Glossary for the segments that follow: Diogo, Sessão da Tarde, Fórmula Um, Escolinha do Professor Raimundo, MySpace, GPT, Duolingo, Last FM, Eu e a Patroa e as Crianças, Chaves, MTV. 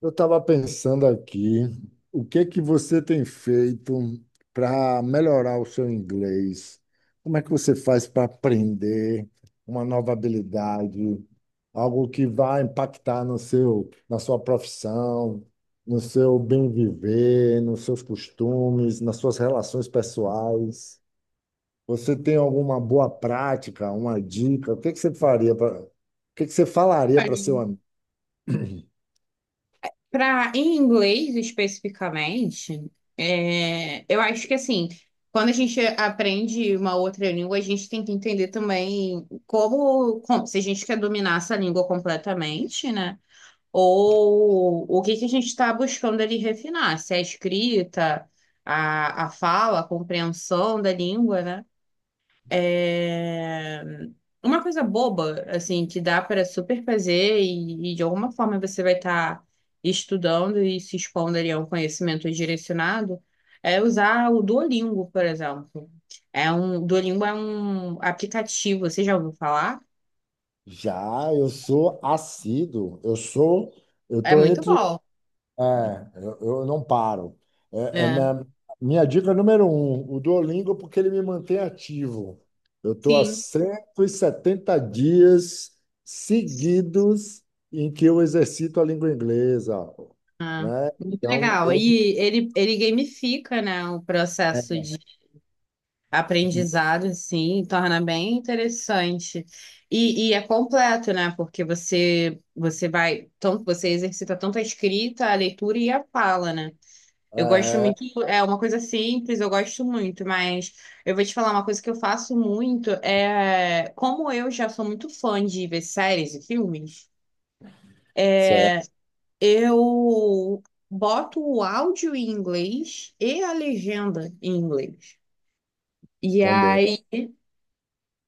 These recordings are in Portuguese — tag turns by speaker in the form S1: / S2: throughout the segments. S1: Eu estava pensando aqui, o que que você tem feito para melhorar o seu inglês? Como é que você faz para aprender uma nova habilidade, algo que vai impactar no seu, na sua profissão, no seu bem viver, nos seus costumes, nas suas relações pessoais? Você tem alguma boa prática, uma dica? O que que você faria para, o que que você falaria para seu amigo?
S2: Para em inglês especificamente, eu acho que assim, quando a gente aprende uma outra língua, a gente tem que entender também se a gente quer dominar essa língua completamente, né? Ou o que que a gente está buscando ali refinar, se é a escrita, a fala, a compreensão da língua, né? É, Uma coisa boba, assim, que dá para super fazer e de alguma forma você vai estar estudando e se expondo ali a um conhecimento direcionado, é usar o Duolingo, por exemplo. Duolingo é um aplicativo, você já ouviu falar?
S1: Já, eu sou assíduo, eu sou, eu
S2: É
S1: estou
S2: muito
S1: entre, o-
S2: bom,
S1: é, eu não paro. É, é
S2: né?
S1: minha, minha dica número um, o Duolingo, porque ele me mantém ativo. Eu estou há
S2: Sim.
S1: 170 dias seguidos em que eu exercito a língua inglesa,
S2: Ah,
S1: né?
S2: muito
S1: Então,
S2: legal.
S1: ele
S2: E ele gamifica, né, o processo de aprendizado, assim, torna bem interessante. E é completo, né? Porque você vai, tanto você exercita tanto a escrita, a leitura e a fala, né? Eu gosto
S1: é,
S2: muito, é uma coisa simples, eu gosto muito, mas eu vou te falar uma coisa que eu faço muito, como eu já sou muito fã de ver séries e filmes,
S1: certo,
S2: eu boto o áudio em inglês e a legenda em inglês. E
S1: também.
S2: aí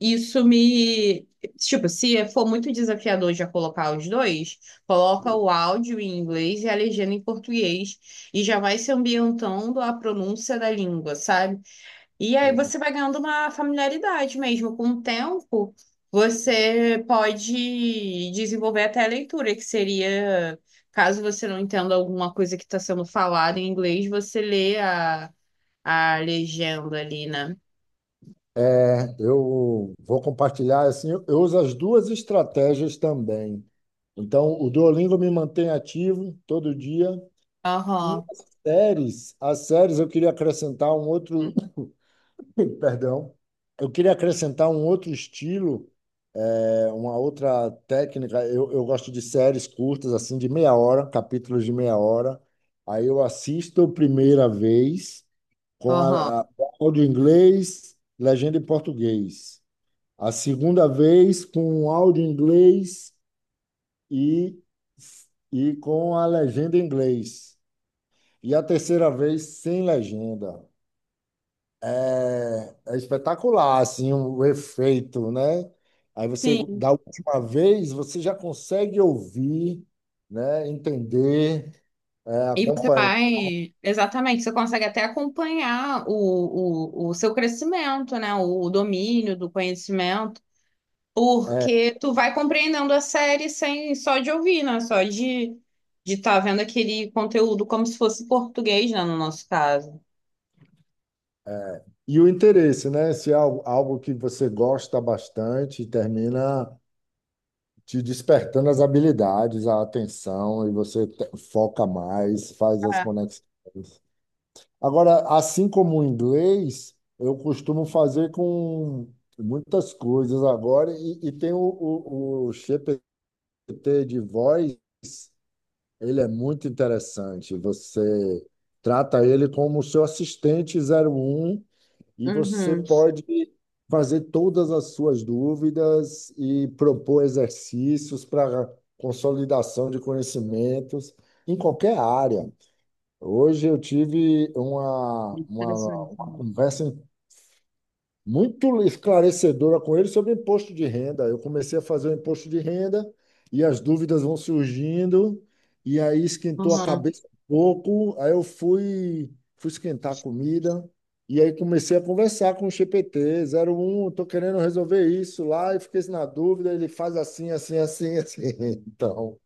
S2: Isso me. Tipo, se for muito desafiador já colocar os dois, coloca o áudio em inglês e a legenda em português e já vai se ambientando a pronúncia da língua, sabe? E aí você vai ganhando uma familiaridade mesmo. Com o tempo, você pode desenvolver até a leitura, que seria, caso você não entenda alguma coisa que está sendo falada em inglês, você lê a legenda ali, né?
S1: É, eu vou compartilhar assim, eu uso as duas estratégias também. Então, o Duolingo me mantém ativo todo dia e
S2: Aham,
S1: as séries eu queria acrescentar um outro, perdão, eu queria acrescentar um outro estilo, é, uma outra técnica. Eu gosto de séries curtas assim de meia hora, capítulos de meia hora. Aí eu assisto a primeira vez com
S2: aham.
S1: áudio em inglês, legenda em português. A segunda vez com um áudio em inglês e, e com a legenda em inglês. E a terceira vez sem legenda. É, é espetacular, assim, o efeito, né? Aí você,
S2: Sim.
S1: da última vez, você já consegue ouvir, né? Entender, é,
S2: E você
S1: acompanhar.
S2: vai, exatamente, você consegue até acompanhar o seu crescimento, né? O domínio do conhecimento,
S1: É,
S2: porque tu vai compreendendo a série sem só de ouvir, né? Só de estar vendo aquele conteúdo como se fosse português, né? No nosso caso.
S1: e o interesse, né? Se é algo, algo que você gosta bastante, termina, te despertando as habilidades, a atenção, e você foca mais, faz as
S2: Ah.
S1: conexões. Agora, assim como o inglês, eu costumo fazer com muitas coisas agora, e tem o GPT de voz, ele é muito interessante. Você trata ele como o seu assistente zero um. E você
S2: Uhum,
S1: pode fazer todas as suas dúvidas e propor exercícios para consolidação de conhecimentos em qualquer área. Hoje eu tive
S2: interessante,
S1: uma
S2: né?
S1: conversa muito esclarecedora com ele sobre imposto de renda. Eu comecei a fazer o imposto de renda e as dúvidas vão surgindo, e aí esquentou a
S2: Uhum.
S1: cabeça um pouco. Fui esquentar a comida, e aí comecei a conversar com o G P T zero um. Estou querendo resolver isso lá, e fiquei na dúvida, ele faz assim, assim, assim, assim. Então,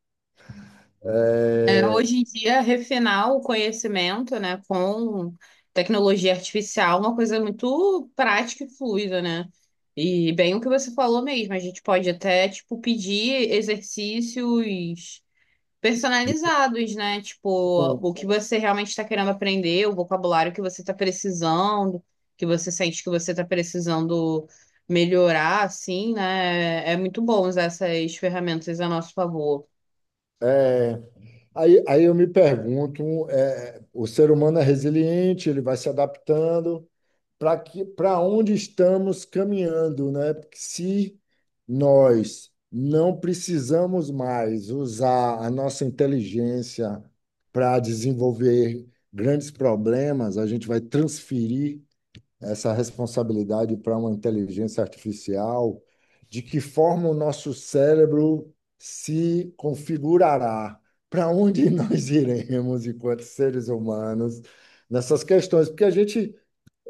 S1: é,
S2: Hoje em dia, refinar o conhecimento, né, com tecnologia artificial é uma coisa muito prática e fluida, né? E bem o que você falou mesmo, a gente pode até, tipo, pedir exercícios personalizados, né? Tipo,
S1: tipo,
S2: o que você realmente está querendo aprender, o vocabulário que você está precisando, que você sente que você está precisando melhorar, assim, né? É muito bom usar essas ferramentas a nosso favor.
S1: é, aí eu me pergunto, é, o ser humano é resiliente, ele vai se adaptando. Para que, para onde estamos caminhando, né? Porque se nós não precisamos mais usar a nossa inteligência para desenvolver grandes problemas, a gente vai transferir essa responsabilidade para uma inteligência artificial, de que forma o nosso cérebro se configurará, para onde nós iremos enquanto seres humanos nessas questões, porque a gente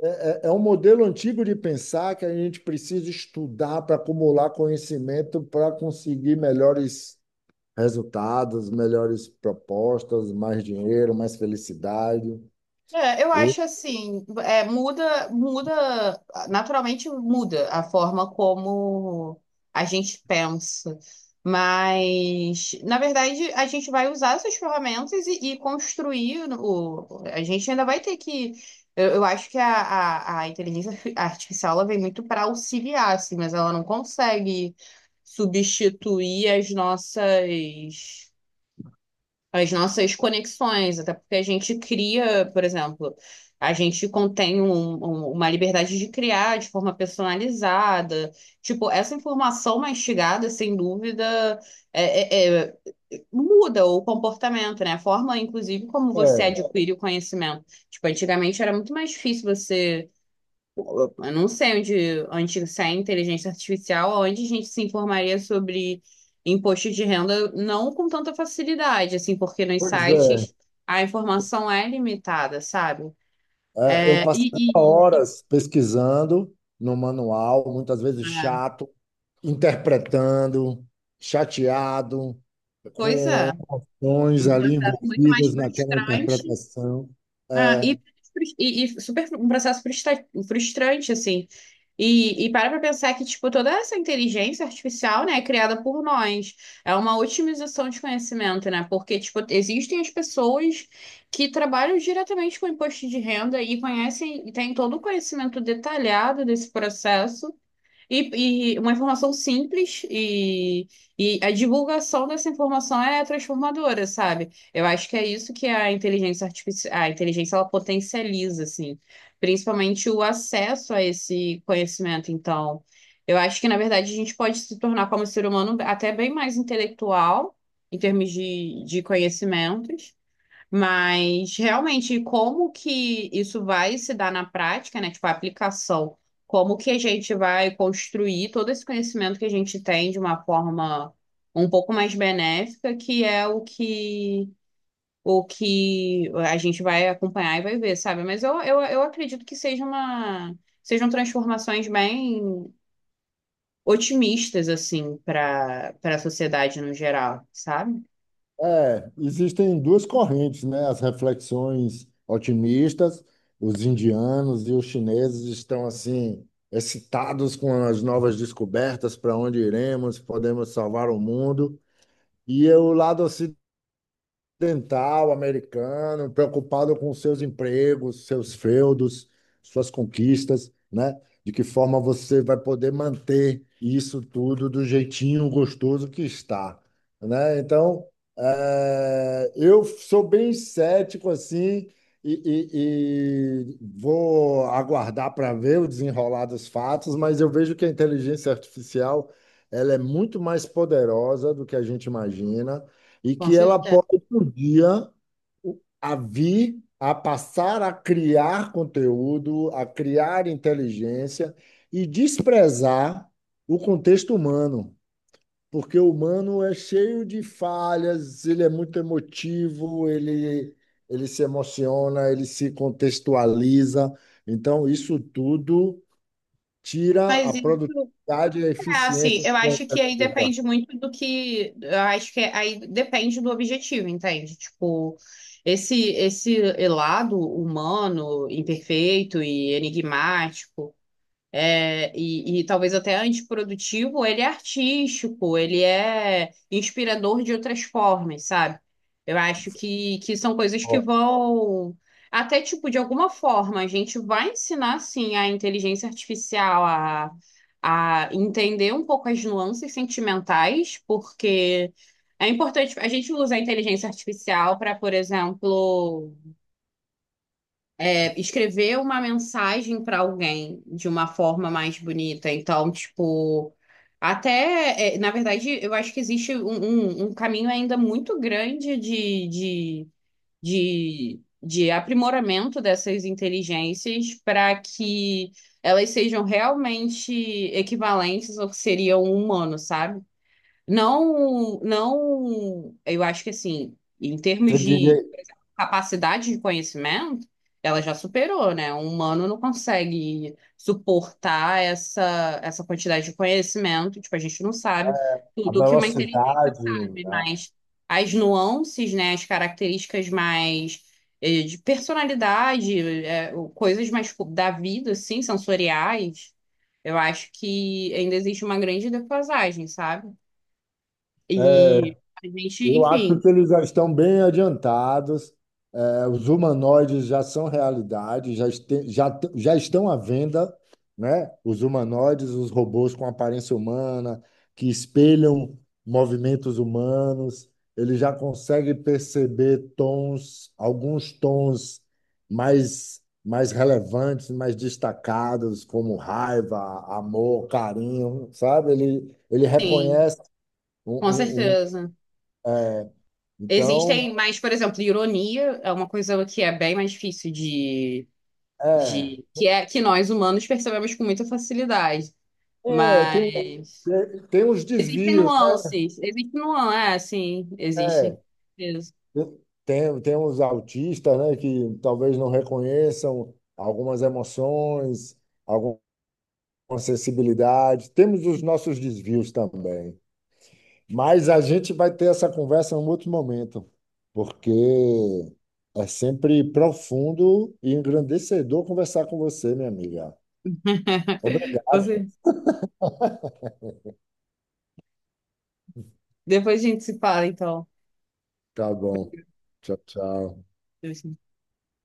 S1: é um modelo antigo de pensar que a gente precisa estudar para acumular conhecimento para conseguir melhores resultados, melhores propostas, mais dinheiro, mais felicidade.
S2: Eu
S1: O-
S2: acho assim, muda, naturalmente muda a forma como a gente pensa, mas na verdade a gente vai usar essas ferramentas e construir o, a gente ainda vai ter que, eu acho que a inteligência artificial ela vem muito para auxiliar, assim, mas ela não consegue substituir as nossas conexões, até porque a gente cria, por exemplo, a gente contém uma liberdade de criar de forma personalizada. Tipo, essa informação mastigada, sem dúvida, é- é- é- muda o comportamento, né? A forma, inclusive, como você
S1: É,
S2: adquire o conhecimento. Tipo, antigamente era muito mais difícil você eu não sei onde, onde sai a inteligência artificial, onde a gente se informaria sobre imposto de renda, não com tanta facilidade, assim, porque nos
S1: pois é.
S2: sites a informação é limitada, sabe?
S1: É, eu
S2: É,
S1: passava
S2: e, e, e-
S1: horas pesquisando no manual, muitas vezes
S2: é,
S1: chato, interpretando, chateado, com
S2: pois é,
S1: emoções
S2: um
S1: ali
S2: processo muito mais
S1: envolvidas naquela
S2: frustrante,
S1: interpretação.
S2: ah,
S1: É,
S2: e, e super, um processo frustrante, assim. E para pra pensar que, tipo, toda essa inteligência artificial, né, é criada por nós. É uma otimização de conhecimento, né? Porque, tipo, existem as pessoas que trabalham diretamente com imposto de renda e conhecem e têm todo o conhecimento detalhado desse processo. E uma informação simples e a divulgação dessa informação é transformadora, sabe? Eu acho que é isso que a inteligência artificial, a inteligência ela potencializa, assim, principalmente o acesso a esse conhecimento. Então, eu acho que na verdade a gente pode se tornar como ser humano até bem mais intelectual em termos de conhecimentos. Mas realmente, como que isso vai se dar na prática, né? Tipo, a aplicação. Como que a gente vai construir todo esse conhecimento que a gente tem de uma forma um pouco mais benéfica, que é o que a gente vai acompanhar e vai ver, sabe? Mas eu acredito que seja uma, sejam transformações bem otimistas, assim, para a sociedade no geral, sabe?
S1: é, existem duas correntes, né? As reflexões otimistas, os indianos e os chineses estão assim excitados com as novas descobertas, para onde iremos, podemos salvar o mundo. E o lado dental americano, preocupado com seus empregos, seus feudos, suas conquistas, né? De que forma você vai poder manter isso tudo do jeitinho gostoso que está, né? Então, eu sou bem cético assim e vou aguardar para ver o desenrolar dos fatos, mas eu vejo que a inteligência artificial ela é muito mais poderosa do que a gente imagina e
S2: Com
S1: que ela
S2: certeza.
S1: pode, por dia, a vir a passar a criar conteúdo, a criar inteligência e desprezar o contexto humano, porque o humano é cheio de falhas, ele é muito emotivo, ele se emociona, ele se contextualiza. Então, isso tudo tira a
S2: Mas isso.
S1: produtividade e a
S2: É, assim,
S1: eficiência,
S2: eu
S1: que
S2: acho
S1: é a
S2: que aí
S1: pessoa.
S2: depende muito do que, eu acho que aí depende do objetivo, entende? Tipo, esse lado humano, imperfeito e enigmático e talvez até antiprodutivo, ele é artístico, ele é inspirador de outras formas, sabe? Eu acho que são coisas que vão. Até, tipo, de alguma forma, a gente vai ensinar, sim, a inteligência artificial a entender um pouco as nuances sentimentais, porque é importante a gente usa a inteligência artificial para, por exemplo, escrever uma mensagem para alguém de uma forma mais bonita. Então, tipo, até, é, na verdade, eu acho que existe um caminho ainda muito grande de aprimoramento dessas inteligências para que elas sejam realmente equivalentes ao que seria um humano, sabe? Não, não, eu acho que assim, em
S1: Você
S2: termos
S1: diria
S2: capacidade de conhecimento, ela já superou, né? O humano não consegue suportar essa quantidade de conhecimento. Tipo, a gente não sabe
S1: a
S2: tudo que uma inteligência
S1: velocidade,
S2: sabe,
S1: né?
S2: mas as nuances, né? As características mais de personalidade, coisas mais tipo, da vida, assim, sensoriais, eu acho que ainda existe uma grande defasagem, sabe? E a gente,
S1: Eu acho
S2: enfim,
S1: que eles já estão bem adiantados. É, os humanoides já são realidade, já, este- já, t- já estão à venda, né? Os humanoides, os robôs com aparência humana, que espelham movimentos humanos, ele já consegue perceber tons, alguns tons mais, mais relevantes, mais destacados, como raiva, amor, carinho, sabe? Ele
S2: sim,
S1: reconhece um,
S2: com
S1: um- um
S2: certeza.
S1: é, então,
S2: Existem, mas, por exemplo, ironia é uma coisa que é bem mais difícil
S1: É,
S2: de, que é que nós humanos percebemos com muita facilidade.
S1: é, tem, um-
S2: Mas
S1: tem uns
S2: existem
S1: desvios,
S2: nuances, existe nuance, é, sim,
S1: né?
S2: existem. Isso.
S1: Tem uns autistas, né, que talvez não reconheçam algumas emoções, alguma sensibilidade. Temos os nossos desvios também. Mas a gente vai ter essa conversa em um outro momento, porque é sempre profundo e engrandecedor conversar com você, minha amiga. Obrigado.
S2: Você, depois a gente se fala, então.
S1: Tá bom. Tchau, tchau.